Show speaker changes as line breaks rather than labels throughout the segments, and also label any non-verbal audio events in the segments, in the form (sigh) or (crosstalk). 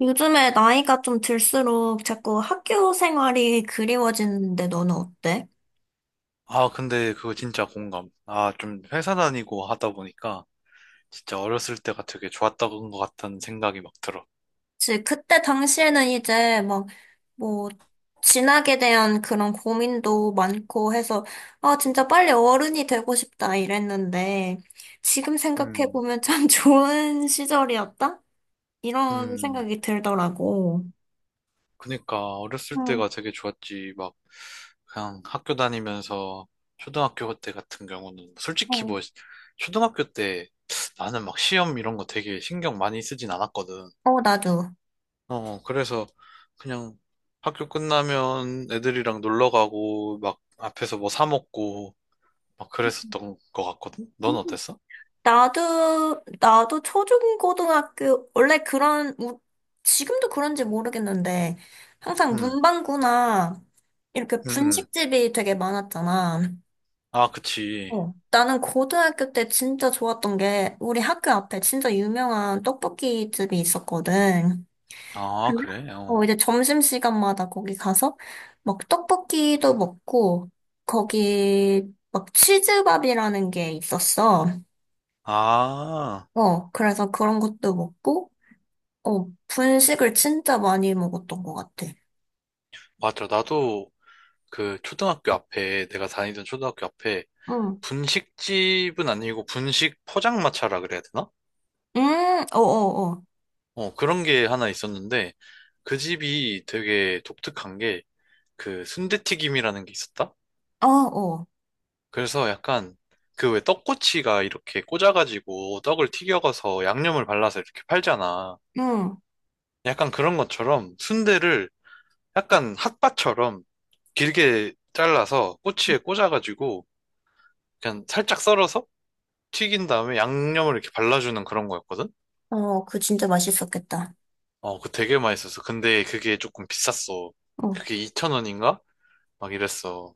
요즘에 나이가 좀 들수록 자꾸 학교 생활이 그리워지는데 너는 어때?
아, 근데 그거 진짜 공감. 아, 좀 회사 다니고 하다 보니까 진짜 어렸을 때가 되게 좋았던 것 같다는 생각이 막 들어.
그때 당시에는 이제 막 뭐 진학에 대한 그런 고민도 많고 해서 아 진짜 빨리 어른이 되고 싶다 이랬는데 지금 생각해
음,
보면 참 (laughs) 좋은 시절이었다? 이런
음,
생각이 들더라고.
그니까 어렸을
응,
때가 되게 좋았지. 막 그냥 학교 다니면서 초등학교 때 같은 경우는 솔직히
어,
뭐 초등학교 때 나는 막 시험 이런 거 되게 신경 많이 쓰진 않았거든.
어, 나도,
어, 그래서 그냥 학교 끝나면 애들이랑 놀러 가고 막 앞에서 뭐 사 먹고 막 그랬었던 것 같거든? 넌 어땠어?
나도 초중고등학교, 원래 그런, 지금도 그런지 모르겠는데, 항상
응.
문방구나, 이렇게
응응.
분식집이 되게 많았잖아.
아, 그치.
어, 나는 고등학교 때 진짜 좋았던 게, 우리 학교 앞에 진짜 유명한 떡볶이 집이 있었거든.
아,
근데?
그래? 어.
어, 이제 점심시간마다 거기 가서, 막 떡볶이도 먹고, 거기, 막 치즈밥이라는 게 있었어.
아,
어, 그래서 그런 것도 먹고, 어, 분식을 진짜 많이 먹었던 것 같아.
맞아. 나도. 그 초등학교 앞에, 내가 다니던 초등학교 앞에
응.
분식집은 아니고 분식 포장마차라 그래야 되나?
음, 어, 어,
어, 그런 게 하나 있었는데 그 집이 되게 독특한 게 그 순대튀김이라는 게 있었다?
어. 어, 어.
그래서 약간 그 왜 떡꼬치가 이렇게 꽂아가지고 떡을 튀겨가서 양념을 발라서 이렇게 팔잖아.
응.
약간 그런 것처럼 순대를 약간 핫바처럼 길게 잘라서 꼬치에 꽂아가지고 그냥 살짝 썰어서 튀긴 다음에 양념을 이렇게 발라주는 그런 거였거든?
어, 그거 진짜 맛있었겠다.
어, 그거 되게 맛있었어. 근데 그게 조금 비쌌어.
어,
그게 2,000원인가? 막 이랬어.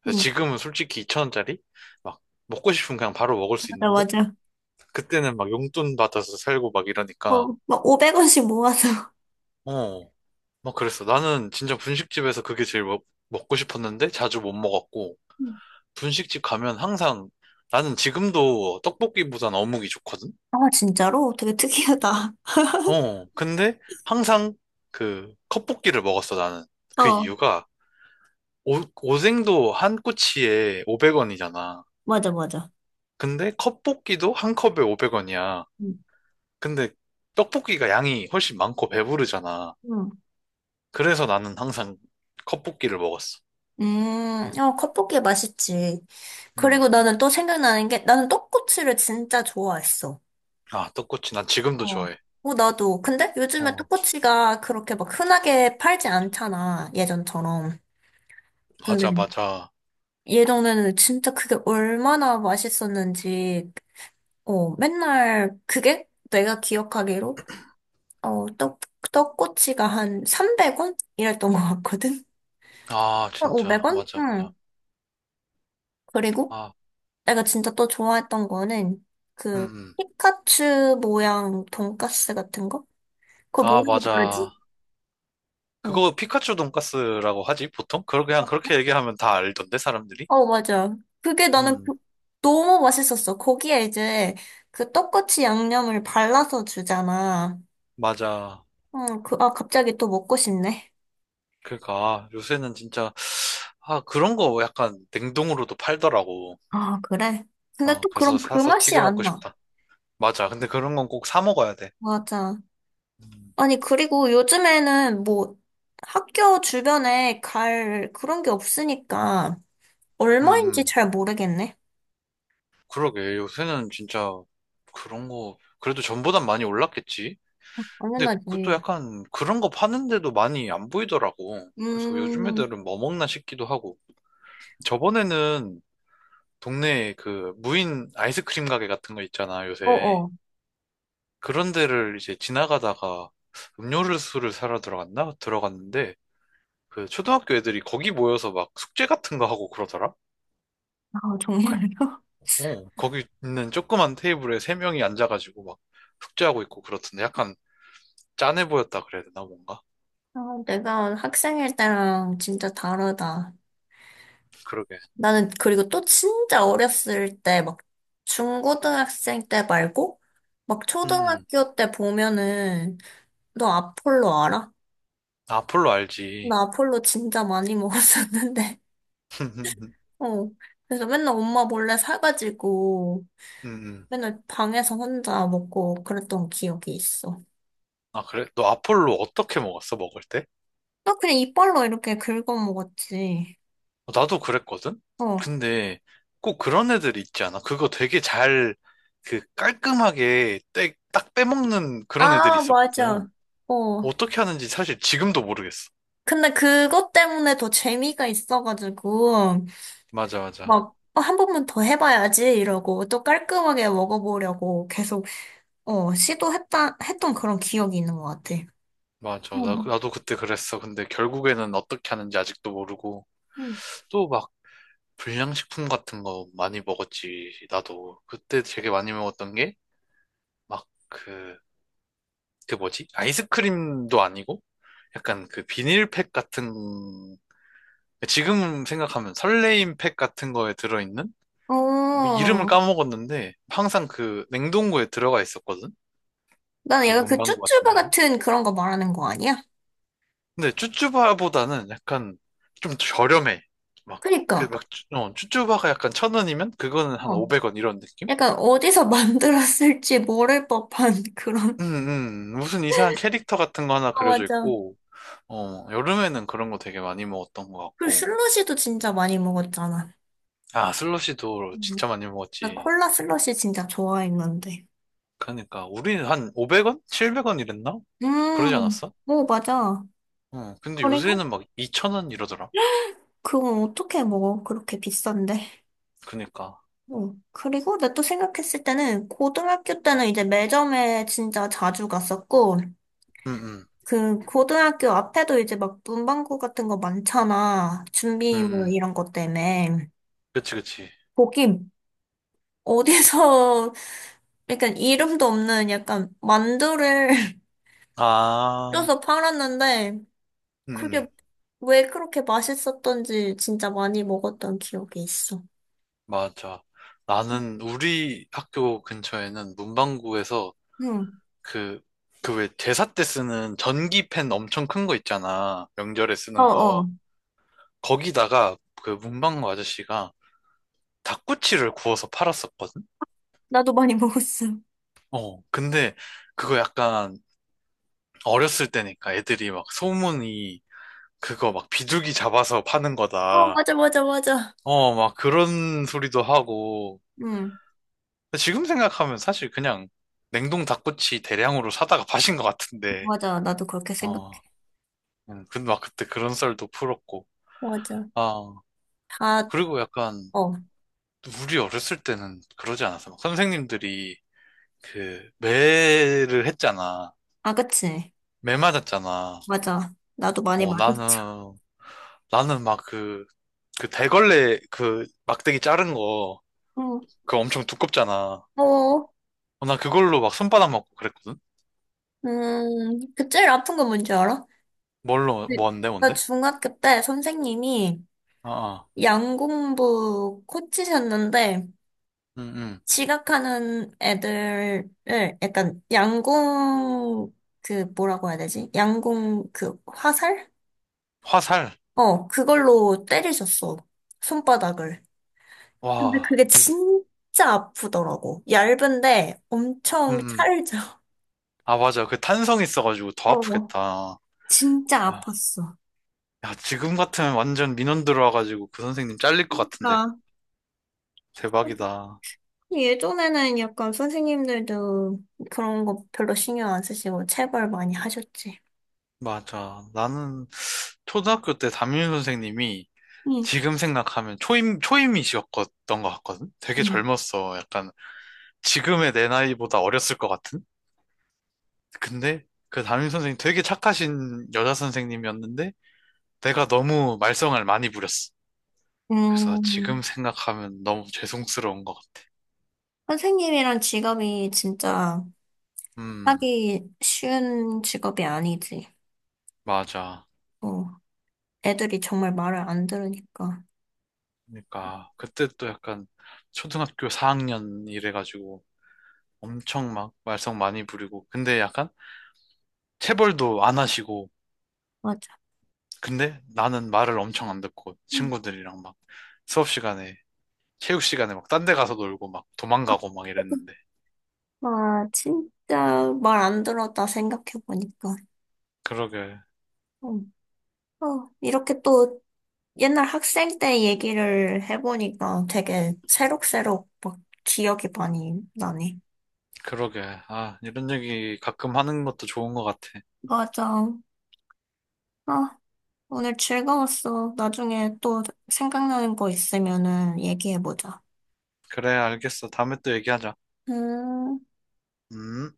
그래서
응.
지금은 솔직히 2,000원짜리? 막 먹고 싶으면 그냥 바로 먹을 수
맞아,
있는데
맞아.
그때는 막 용돈 받아서 살고 막 이러니까
어, 막 500원씩 모아서.
어, 막 그랬어. 나는 진짜 분식집에서 그게 제일 먹고 싶었는데 자주 못 먹었고
음.
분식집 가면 항상 나는 지금도 떡볶이보단 어묵이 좋거든?
아, 진짜로? 되게 특이하다.
어, 근데 항상 그 컵볶이를 먹었어, 나는. 그
어,
이유가 오, 오뎅도 한 꼬치에 500원이잖아.
맞아, 맞아.
근데 컵볶이도 한 컵에 500원이야.
응.
근데 떡볶이가 양이 훨씬 많고 배부르잖아.
응.
그래서 나는 항상 컵볶이를 먹었어.
어, 컵볶이 맛있지. 그리고
음.
나는 또 생각나는 게, 나는 떡꼬치를 진짜 좋아했어.
아, 떡꼬치 난 지금도
어.
좋아해.
어, 나도. 근데 요즘에
어,
떡꼬치가 그렇게 막 흔하게 팔지 않잖아, 예전처럼.
맞아,
근데
맞아.
예전에는 진짜 그게 얼마나 맛있었는지, 어, 맨날 그게 내가 기억하기로, 어, 떡, 떡꼬치가 한 300원? 이랬던 것 같거든?
아,
한
진짜.
500원?
맞아, 맞아.
응. 그리고
아,
내가 진짜 또 좋아했던 거는
음,
그
음.
피카츄 모양 돈까스 같은 거? 그거
아,
뭐라고
맞아.
부르지? 어,
그거 피카츄 돈까스라고 하지, 보통? 그냥 그렇게 얘기하면 다 알던데, 사람들이?
어, 맞아. 그게 나는 그-
음,
너무 맛있었어. 거기에 이제 그 떡꼬치 양념을 발라서 주잖아.
맞아.
어, 그, 아, 갑자기 또 먹고 싶네.
그러니까, 아, 요새는 진짜, 아, 그런 거 약간 냉동으로도 팔더라고.
아, 그래. 근데
어,
또
그래서
그럼 그
사서
맛이
튀겨
안
먹고
나.
싶다. 맞아. 근데 그런 건 꼭 사 먹어야 돼.
맞아.
음,
아니, 그리고 요즘에는 뭐 학교 주변에 갈 그런 게 없으니까
음.
얼마인지
음.
잘 모르겠네.
그러게. 요새는 진짜 그런 거, 그래도 전보단 많이 올랐겠지?
어,
근데 그것도
당연하지.
약간 그런 거 파는데도 많이 안 보이더라고. 그래서 요즘
음,
애들은 뭐 먹나 싶기도 하고. 저번에는 동네에 그 무인 아이스크림 가게 같은 거 있잖아, 요새.
어어.
그런 데를 이제 지나가다가 음료수를 사러 들어갔나? 들어갔는데 그 초등학교 애들이 거기 모여서 막 숙제 같은 거 하고 그러더라?
아,
약-
정말요?
어, 거기 있는 조그만 테이블에 세 명이 앉아가지고 막 숙제하고 있고 그렇던데 약간 짠해 보였다 그래야 되나, 뭔가?
(laughs) 아, 내가 학생일 때랑 진짜 다르다.
그러게.
나는 그리고 또 진짜 어렸을 때 막 중고등학생 때 말고 막
음, 음.
초등학교 때 보면은 너 아폴로 알아?
아폴로 알지.
나 아폴로 진짜 많이 (laughs) 먹었었는데.
(laughs) 음,
어. 그래서 맨날 엄마 몰래 사가지고
음.
맨날 방에서 혼자 먹고 그랬던 기억이 있어.
아, 그래? 너 아폴로 어떻게 먹었어, 먹을 때?
나 그냥 이빨로 이렇게 긁어 먹었지.
어, 나도 그랬거든?
어.
근데 꼭 그런 애들 있지 않아? 그거 되게 잘, 그 깔끔하게 딱 빼먹는 그런 애들이
아, 맞아.
있었거든.
어.
어떻게 하는지 사실 지금도 모르겠어.
근데 그것 때문에 더 재미가 있어가지고
맞아, 맞아.
막 어, 한 번만 더 해봐야지 이러고 또 깔끔하게 먹어보려고 계속 어, 시도했다 했던 그런 기억이 있는 것 같아.
맞아. 나,
응.
나도 그때 그랬어. 근데 결국에는 어떻게 하는지 아직도 모르고. 또 막 불량식품 같은 거 많이 먹었지. 나도. 그때 되게 많이 먹었던 게, 막 그, 뭐지? 아이스크림도 아니고? 약간 그 비닐팩 같은 지금 생각하면 설레임 팩 같은 거에 들어있는? 뭐 이름을
어,
까먹었는데 항상 그 냉동고에 들어가 있었거든?
나는
그
약간 그
문방구 같은
쭈쭈바
데 하면.
같은 그런 거 말하는 거 아니야?
근데 쭈쭈바보다는 약간 좀 저렴해. 막, 그
그니까,
막, 어, 쭈쭈바가 약간 천 원이면 그거는 한
어.
500원 이런 느낌?
약간 어디서 (laughs) 만들었을지 모를 법한 (laughs) 그런.
음, 음. 음. 무슨 이상한 캐릭터 같은 거 하나
아,
그려져
맞아.
있고, 어, 여름에는 그런 거 되게 많이 먹었던 것
그리고
같고.
슬러시도 진짜 많이 먹었잖아.
아, 슬러시도
음,
진짜 많이
나
먹었지.
콜라 슬러시 진짜 좋아했는데.
그러니까, 우리는 한 500원? 700원 이랬나? 그러지 않았어?
오, 맞아.
응. 근데
그리고
요새는 막2천원 이러더라.
그건 어떻게 먹어? 그렇게 비싼데.
그니까.
어. 그리고 나 또 생각했을 때는 고등학교 때는 이제 매점에 진짜 자주 갔었고,
응, 응,
그 고등학교 앞에도 이제 막 문방구 같은 거 많잖아.
응,
준비물
응.
이런 것 때문에.
그치, 그치.
거기 어디서 (laughs) 약간 이름도 없는 약간 만두를 (laughs)
아,
쪄서 팔았는데
응,
그게
응.
왜 그렇게 맛있었던지 진짜 많이 먹었던 기억이 있어.
맞아. 나는 우리 학교 근처에는 문방구에서
응.
그, 왜 제사 때 쓰는 전기펜 엄청 큰 거 있잖아. 명절에
어,
쓰는
어.
거. 거기다가 그 문방구 아저씨가 닭꼬치를 구워서 팔았었거든?
나도 많이 먹었어.
어, 근데 그거 약간 어렸을 때니까 애들이 막 소문이 그거 막 비둘기 잡아서 파는
어,
거다.
맞아, 맞아, 맞아.
어, 막 그런 소리도 하고.
응.
근데 지금 생각하면 사실 그냥 냉동 닭꼬치 대량으로 사다가 파신 것 같은데.
맞아. 나도 그렇게 생각해.
어, 근데 막 그때 그런 썰도 풀었고.
맞아.
아,
다,
그리고 약간
어.
우리 어렸을 때는 그러지 않았어. 막 선생님들이 그 매를 했잖아.
아, 그치.
매 맞았잖아.
맞아. 나도 많이
어,
맞았어.
나는 막 그, 대걸레 그 막대기 자른 거,
응.
그거 엄청 두껍잖아.
어,
어, 나 그걸로 막 손바닥 맞고 그랬거든?
그 제일 아픈 건 뭔지 알아?
뭘로,
네.
뭔데,
나
뭔데?
중학교 때 선생님이
아, 아.
양공부 코치셨는데,
음, 음.
지각하는 애들을, 약간, 양공, 그, 뭐라고 해야 되지? 양공, 그, 화살?
화살.
어, 그걸로 때리셨어. 손바닥을. 근데
와.
그게 진짜 아프더라고. 얇은데
음,
엄청
음.
찰져.
아, 맞아. 그 탄성 있어가지고 더
어,
아프겠다.
진짜
아,
아팠어.
야, 지금 같으면 완전 민원 들어와가지고 그 선생님 잘릴 것 같은데.
그러니까
대박이다.
예전에는 약간 선생님들도 그런 거 별로 신경 안 쓰시고 체벌 많이 하셨지.
맞아. 나는 초등학교 때 담임 선생님이
응.
지금 생각하면 초임이셨던 것 같거든? 되게
응.
젊었어. 약간 지금의 내 나이보다 어렸을 것 같은? 근데 그 담임 선생님 되게 착하신 여자 선생님이었는데 내가 너무 말썽을 많이 부렸어. 그래서
음,
지금 생각하면 너무 죄송스러운 것 같아.
선생님이란 직업이 진짜
음,
하기 쉬운 직업이 아니지.
맞아.
어, 애들이 정말 말을 안 들으니까.
그러니까 그때 또 약간 초등학교 4학년 이래가지고 엄청 막 말썽 많이 부리고 근데 약간 체벌도 안 하시고
맞아.
근데 나는 말을 엄청 안 듣고
응.
친구들이랑 막 수업 시간에 체육 시간에 막 딴데 가서 놀고 막 도망가고 막 이랬는데.
아, 진짜 말 안 들었다 생각해보니까.
그러게.
어, 어, 이렇게 또 옛날 학생 때 얘기를 해보니까 되게 새록새록 막 기억이 많이 나네.
그러게. 아, 이런 얘기 가끔 하는 것도 좋은 것 같아.
맞아. 아, 오늘 즐거웠어. 나중에 또 생각나는 거 있으면은 얘기해보자.
그래, 알겠어. 다음에 또 얘기하자.
음.
음.